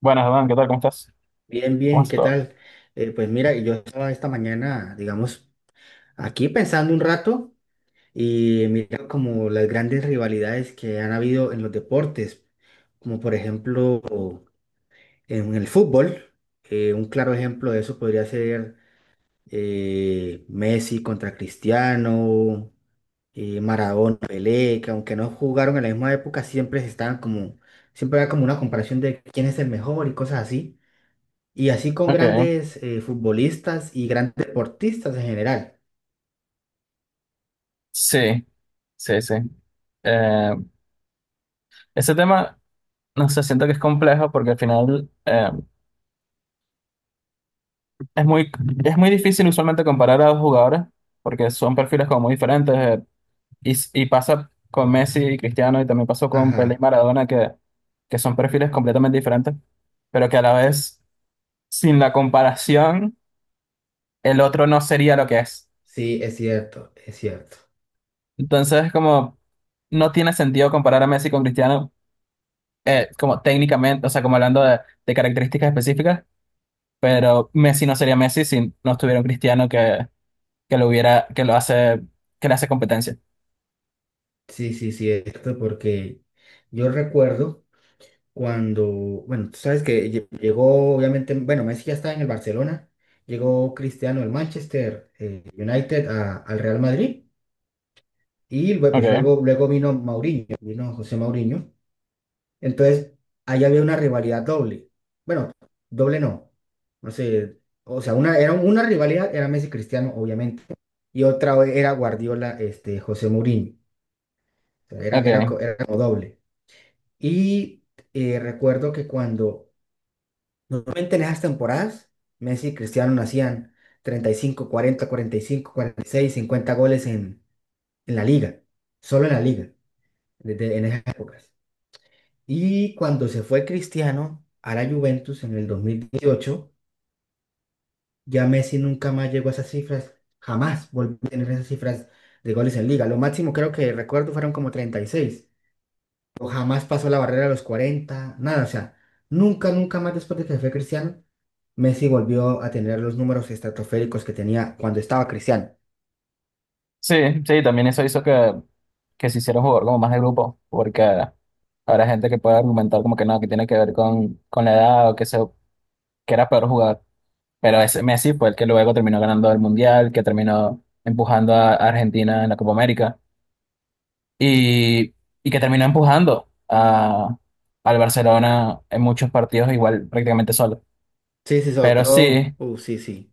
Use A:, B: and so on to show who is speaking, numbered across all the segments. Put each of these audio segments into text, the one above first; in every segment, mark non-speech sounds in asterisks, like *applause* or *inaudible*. A: Buenas, Adán, ¿qué tal? ¿Cómo estás?
B: Bien,
A: ¿Cómo
B: bien,
A: estás
B: ¿qué
A: todo?
B: tal? Pues mira, yo estaba esta mañana, digamos, aquí pensando un rato y mira como las grandes rivalidades que han habido en los deportes, como por ejemplo en el fútbol, un claro ejemplo de eso podría ser Messi contra Cristiano, Maradona, Pelé, que aunque no jugaron en la misma época, siempre estaban como, siempre era como una comparación de quién es el mejor y cosas así. Y así con
A: Ok,
B: grandes futbolistas y grandes deportistas en general.
A: sí, sí, sí. Eh, Ese tema, no sé, siento que es complejo porque al final es muy, es muy difícil usualmente comparar a dos jugadores porque son perfiles como muy diferentes y pasa con Messi y Cristiano, y también pasó con Pelé y
B: Ajá,
A: Maradona, que son perfiles completamente diferentes, pero que a la vez, sin la comparación, el otro no sería lo que es.
B: sí, es cierto, es cierto.
A: Entonces, como no tiene sentido comparar a Messi con Cristiano como técnicamente, o sea, como hablando de características específicas, pero Messi no sería Messi si no estuviera un Cristiano que lo hubiera, que lo hace, que le hace competencia.
B: Sí, sí, sí, es cierto, porque yo recuerdo cuando, bueno, tú sabes que llegó, obviamente, bueno, Messi ya estaba en el Barcelona, llegó Cristiano del Manchester United al Real Madrid y pues
A: Okay,
B: luego, luego vino Mauriño, vino José Mauriño. Entonces, ahí había una rivalidad doble. Bueno, doble no. No sé, o sea, una, era una rivalidad era Messi Cristiano, obviamente, y otra era Guardiola, este, José Mourinho. O sea, era, era,
A: okay.
B: era como doble. Y recuerdo que cuando, normalmente en esas temporadas, Messi y Cristiano hacían 35 40 45, 46 50 goles en la liga, solo en la liga, desde, en esas épocas. Y cuando se fue Cristiano a la Juventus en el 2018 ya Messi nunca más llegó a esas cifras, jamás volvió a tener esas cifras de goles en liga. Lo máximo creo que recuerdo fueron como 36 o jamás pasó la barrera de los 40 nada, o sea, nunca, nunca más después de que se fue Cristiano, Messi volvió a tener los números estratosféricos que tenía cuando estaba Cristiano.
A: Sí, sí, también eso hizo que se hiciera un jugador como más de grupo, porque habrá gente que puede argumentar como que no, que tiene que ver con la edad o que, se, que era peor jugar. Pero ese Messi fue el que luego terminó ganando el Mundial, que terminó empujando a Argentina en la Copa América, y, y que terminó empujando a, al Barcelona en muchos partidos igual prácticamente solo.
B: Sí, sí, sobre
A: Pero
B: todo,
A: sí,
B: sí, sí,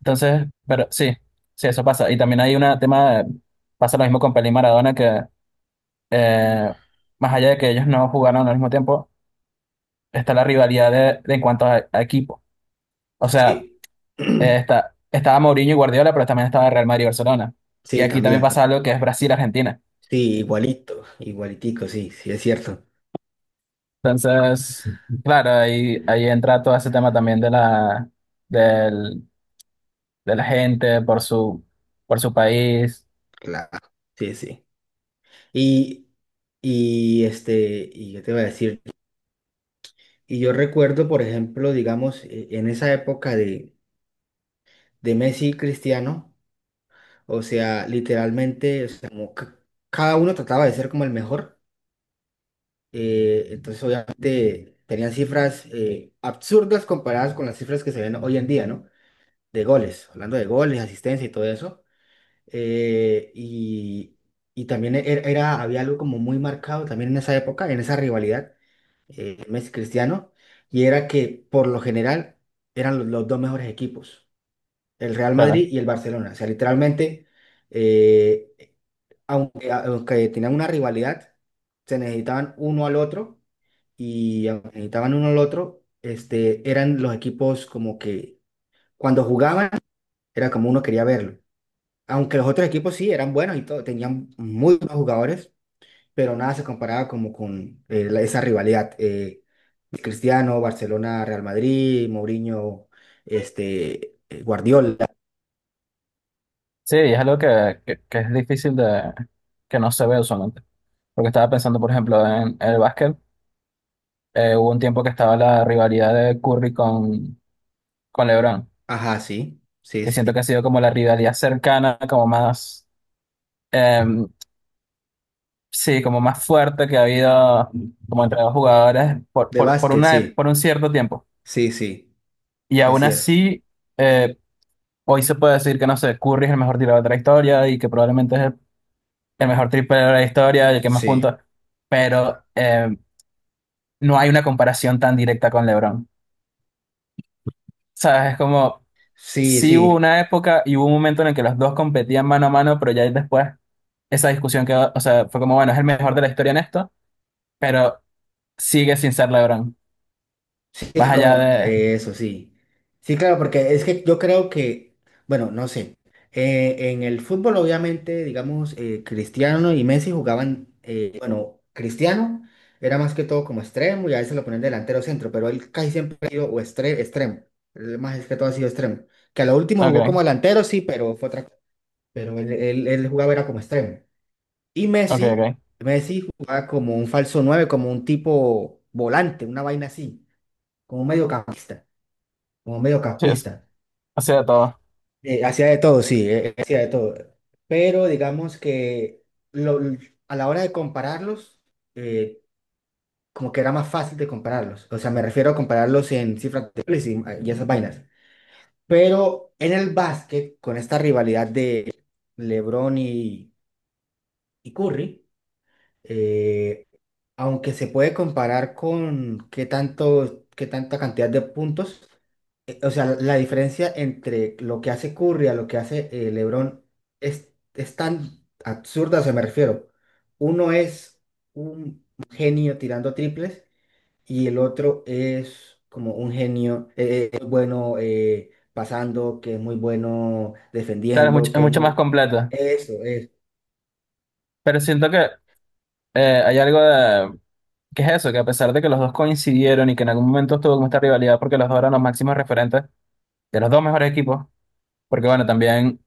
A: entonces, pero sí, sí, eso pasa. Y también hay un tema, pasa lo mismo con Pelé y Maradona, que eh, más allá de que ellos no jugaron al mismo tiempo, está la rivalidad de en cuanto a equipo. O sea,
B: sí, *clears throat*
A: está, estaba Mourinho y Guardiola, pero también estaba Real Madrid y Barcelona. Y
B: sí,
A: aquí también
B: también,
A: pasa algo que es Brasil-Argentina.
B: sí, igualito, igualitico, sí, sí, es cierto.
A: Entonces, claro, ahí, ahí entra todo ese tema también de la, del, de la gente por su país.
B: Claro. Sí, sí. Y, y este, y yo te iba a decir, y yo recuerdo, por ejemplo, digamos, en esa época de Messi y Cristiano, o sea, literalmente, o sea, como cada uno trataba de ser como el mejor, entonces obviamente tenían cifras absurdas comparadas con las cifras que se ven hoy en día, ¿no? De goles, hablando de goles, asistencia y todo eso. eh, y, y también era, había algo como muy marcado también en esa época, en esa rivalidad Messi Cristiano, y era que por lo general eran los dos mejores equipos, el Real
A: Claro.
B: Madrid y el Barcelona. O sea, literalmente, eh, aunque, aunque tenían una rivalidad, se necesitaban uno al otro y aunque necesitaban uno al otro, este, eran los equipos como que cuando jugaban era como uno quería verlo. Aunque los otros equipos sí eran buenos y todo, tenían muy buenos jugadores, pero nada se comparaba como con esa rivalidad. Cristiano, Barcelona, Real Madrid, Mourinho, este, Guardiola.
A: Sí, es algo que es difícil de, que no se ve usualmente. Porque estaba pensando, por ejemplo, en el básquet. Hubo un tiempo que estaba la rivalidad de Curry con LeBron,
B: Ajá, sí, sí,
A: que
B: sí.
A: siento que ha sido como la rivalidad cercana, como más, em, sí, como más fuerte que ha habido como entre dos jugadores
B: De
A: por
B: básquet,
A: una,
B: sí,
A: por un cierto tiempo.
B: sí, sí,
A: Y
B: es
A: aún
B: cierto.
A: así, eh, hoy se puede decir que, no sé, Curry es el mejor tirador de la historia y que probablemente es el mejor triple de la historia y el que más
B: Sí,
A: puntos, pero no hay una comparación tan directa con LeBron. ¿Sabes? Es como,
B: sí,
A: sí hubo
B: sí.
A: una época y hubo un momento en el que los dos competían mano a mano, pero ya después esa discusión quedó, o sea, fue como, bueno, es el mejor de la historia en esto, pero sigue sin ser LeBron.
B: Sí,
A: Más allá
B: como
A: de...
B: eso, sí. Sí, claro, porque es que yo creo que, bueno, no sé, en el fútbol obviamente, digamos, Cristiano y Messi jugaban, bueno, Cristiano era más que todo como extremo y a veces lo ponían delantero centro, pero él casi siempre ha sido o extremo, él más es que todo ha sido extremo, que a lo último jugó como
A: Ok,
B: delantero, sí, pero fue otra cosa, pero él jugaba era como extremo. Y
A: ok,
B: Messi,
A: ok.
B: Messi jugaba como un falso 9 como un tipo volante, una vaina así, como un mediocampista como
A: Sí,
B: mediocampista.
A: o sea, todo.
B: Hacía de todo, sí, hacía de todo. Pero digamos que lo- a la hora de compararlos, eh, como que era más fácil de compararlos. O sea, me refiero a compararlos en cifras de goles y, ah, y esas vainas. Pero en el básquet, con esta rivalidad de LeBron y Curry, eh, aunque se puede comparar con qué tanto, qué tanta cantidad de puntos, o sea, la diferencia entre lo que hace Curry a lo que hace LeBron es tan absurda, o sea, me refiero. Uno es un genio tirando triples y el otro es como un genio muy bueno pasando, que es muy bueno
A: Claro,
B: defendiendo,
A: es
B: que es
A: mucho más
B: muy...
A: completo,
B: Eso,
A: pero siento que hay algo de, que es eso, que a pesar de que los dos coincidieron y que en algún momento estuvo como esta rivalidad porque los dos eran los máximos referentes de los dos mejores equipos, porque bueno, también,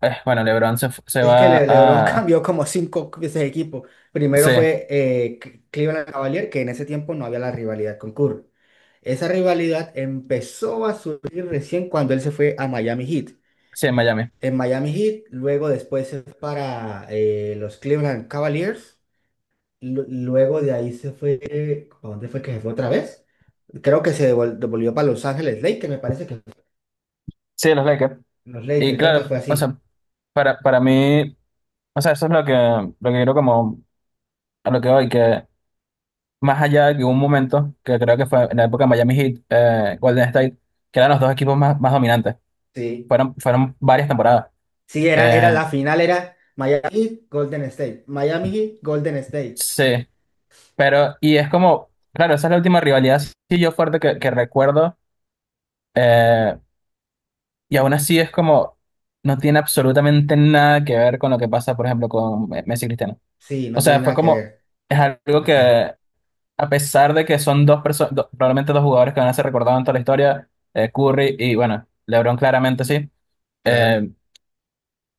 A: bueno, LeBron se, se
B: es que
A: va
B: LeBron *laughs*
A: a,
B: cambió como 5 veces de equipo. Primero
A: sí,
B: fue Cleveland Cavaliers, que en ese tiempo no había la rivalidad con Curry. Esa rivalidad empezó a surgir recién cuando él se fue a Miami Heat.
A: sí, en Miami,
B: En Miami Heat, luego después se fue para los Cleveland Cavaliers. Luego de ahí se fue, ¿a dónde fue que se fue otra vez? Creo que se devolvió para Los Ángeles Lakers, me parece que
A: sí, los Lakers.
B: los
A: Y
B: Lakers, creo que
A: claro,
B: fue
A: o
B: así.
A: sea, para mí, o sea, eso es lo que quiero como, a lo que voy, que más allá de que hubo un momento, que creo que fue en la época de Miami Heat, Golden State, que eran los dos equipos más, más dominantes,
B: Sí.
A: fueron, fueron varias temporadas.
B: Sí, era, era
A: Eh,
B: la final, era Miami Heat, Golden State. Miami Heat, Golden State.
A: sí, pero, y es como, claro, esa es la última rivalidad sí yo fuerte que recuerdo. eh, y aún así es como, no tiene absolutamente nada que ver con lo que pasa, por ejemplo, con Messi y Cristiano.
B: Sí,
A: O
B: no
A: sea,
B: tiene
A: fue
B: nada que
A: como,
B: ver.
A: es algo
B: Ah, ah,
A: que, a pesar de que son dos personas, probablemente dos jugadores que van a ser recordados en toda la historia, Curry y, bueno, LeBron claramente sí.
B: claro,
A: eh,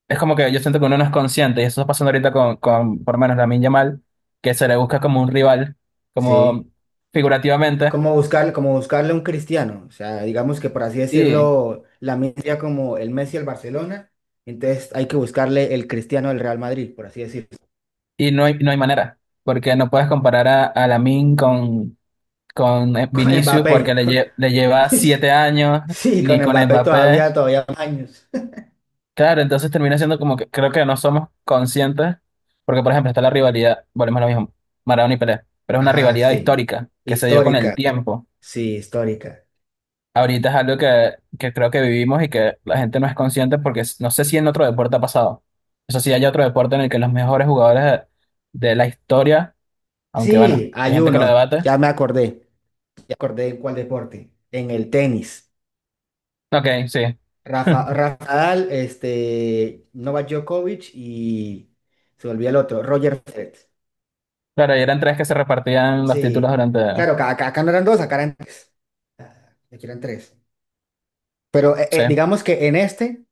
A: es como que yo siento que uno no es consciente, y eso está pasando ahorita con por lo menos Lamine Yamal, que se le busca como un rival, como
B: sí.
A: figurativamente.
B: Como buscar, como buscarle un cristiano. O sea, digamos que por así
A: Sí,
B: decirlo, la sería como el Messi al Barcelona. Entonces hay que buscarle el cristiano del Real Madrid, por así decirlo.
A: y no hay, no hay manera, porque no puedes comparar a Lamine con
B: *laughs* Con
A: Vinicius porque
B: Mbappé.
A: le, le lleva
B: *laughs*
A: 7 años,
B: Sí, con
A: ni con
B: Mbappé
A: Mbappé.
B: todavía, todavía más años. *laughs*
A: Claro, entonces termina siendo como que creo que no somos conscientes, porque por ejemplo está la rivalidad, volvemos a lo mismo, Maradona y Pelé, pero es una
B: Ajá,
A: rivalidad
B: sí.
A: histórica que se dio con el
B: Histórica.
A: tiempo.
B: Sí, histórica.
A: Ahorita es algo que creo que vivimos y que la gente no es consciente porque no sé si en otro deporte ha pasado. Eso sí, hay otro deporte en el que los mejores jugadores de la historia, aunque bueno,
B: Sí,
A: hay
B: hay
A: gente que lo
B: uno.
A: debate.
B: Ya me acordé. Ya acordé en cuál deporte. En el tenis.
A: Ok, sí.
B: Rafa, Rafa Nadal, este, Novak Djokovic y se volvía el otro, Roger Federer.
A: Claro, y eran tres que se repartían los títulos
B: Sí.
A: durante...
B: Claro, acá, acá no eran dos, acá eran tres. Ah, aquí eran tres. Pero
A: Sí,
B: digamos que en este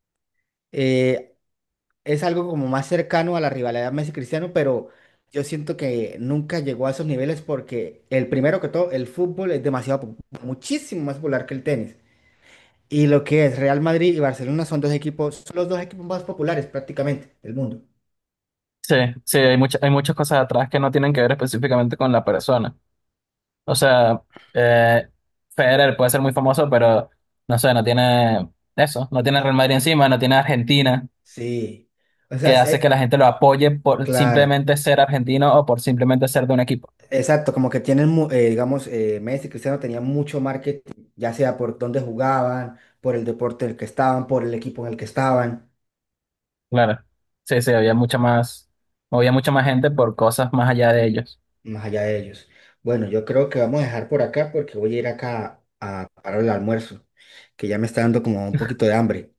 B: eh, es algo como más cercano a la rivalidad Messi-Cristiano, pero yo siento que nunca llegó a esos niveles porque el primero que todo, el fútbol es demasiado, muchísimo más popular que el tenis. Y lo que es Real Madrid y Barcelona son dos equipos, son los dos equipos más populares prácticamente del mundo.
A: sí, sí, hay muchas cosas atrás que no tienen que ver específicamente con la persona. O sea, eh, Federer puede ser muy famoso, pero no sé, no tiene eso, no tiene
B: ¿No?
A: Real Madrid encima, no tiene Argentina,
B: Sí. O sea,
A: que hace que la gente lo apoye por
B: claro,
A: simplemente ser argentino o por simplemente ser de un equipo.
B: exacto, como que tienen, digamos, Messi y Cristiano tenían mucho marketing, ya sea por dónde jugaban, por el deporte en el que estaban, por el equipo en el que estaban,
A: Claro, sí, sí, había mucha más gente por cosas más allá de ellos.
B: más allá de ellos. Bueno, yo creo que vamos a dejar por acá porque voy a ir acá a parar el almuerzo, que ya me está dando como un poquito de hambre.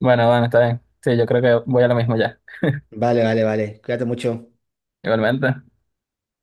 A: Bueno, bueno, está bien. Sí, yo creo que voy a lo mismo ya,
B: Vale, vale, vale. Cuídate mucho.
A: igualmente.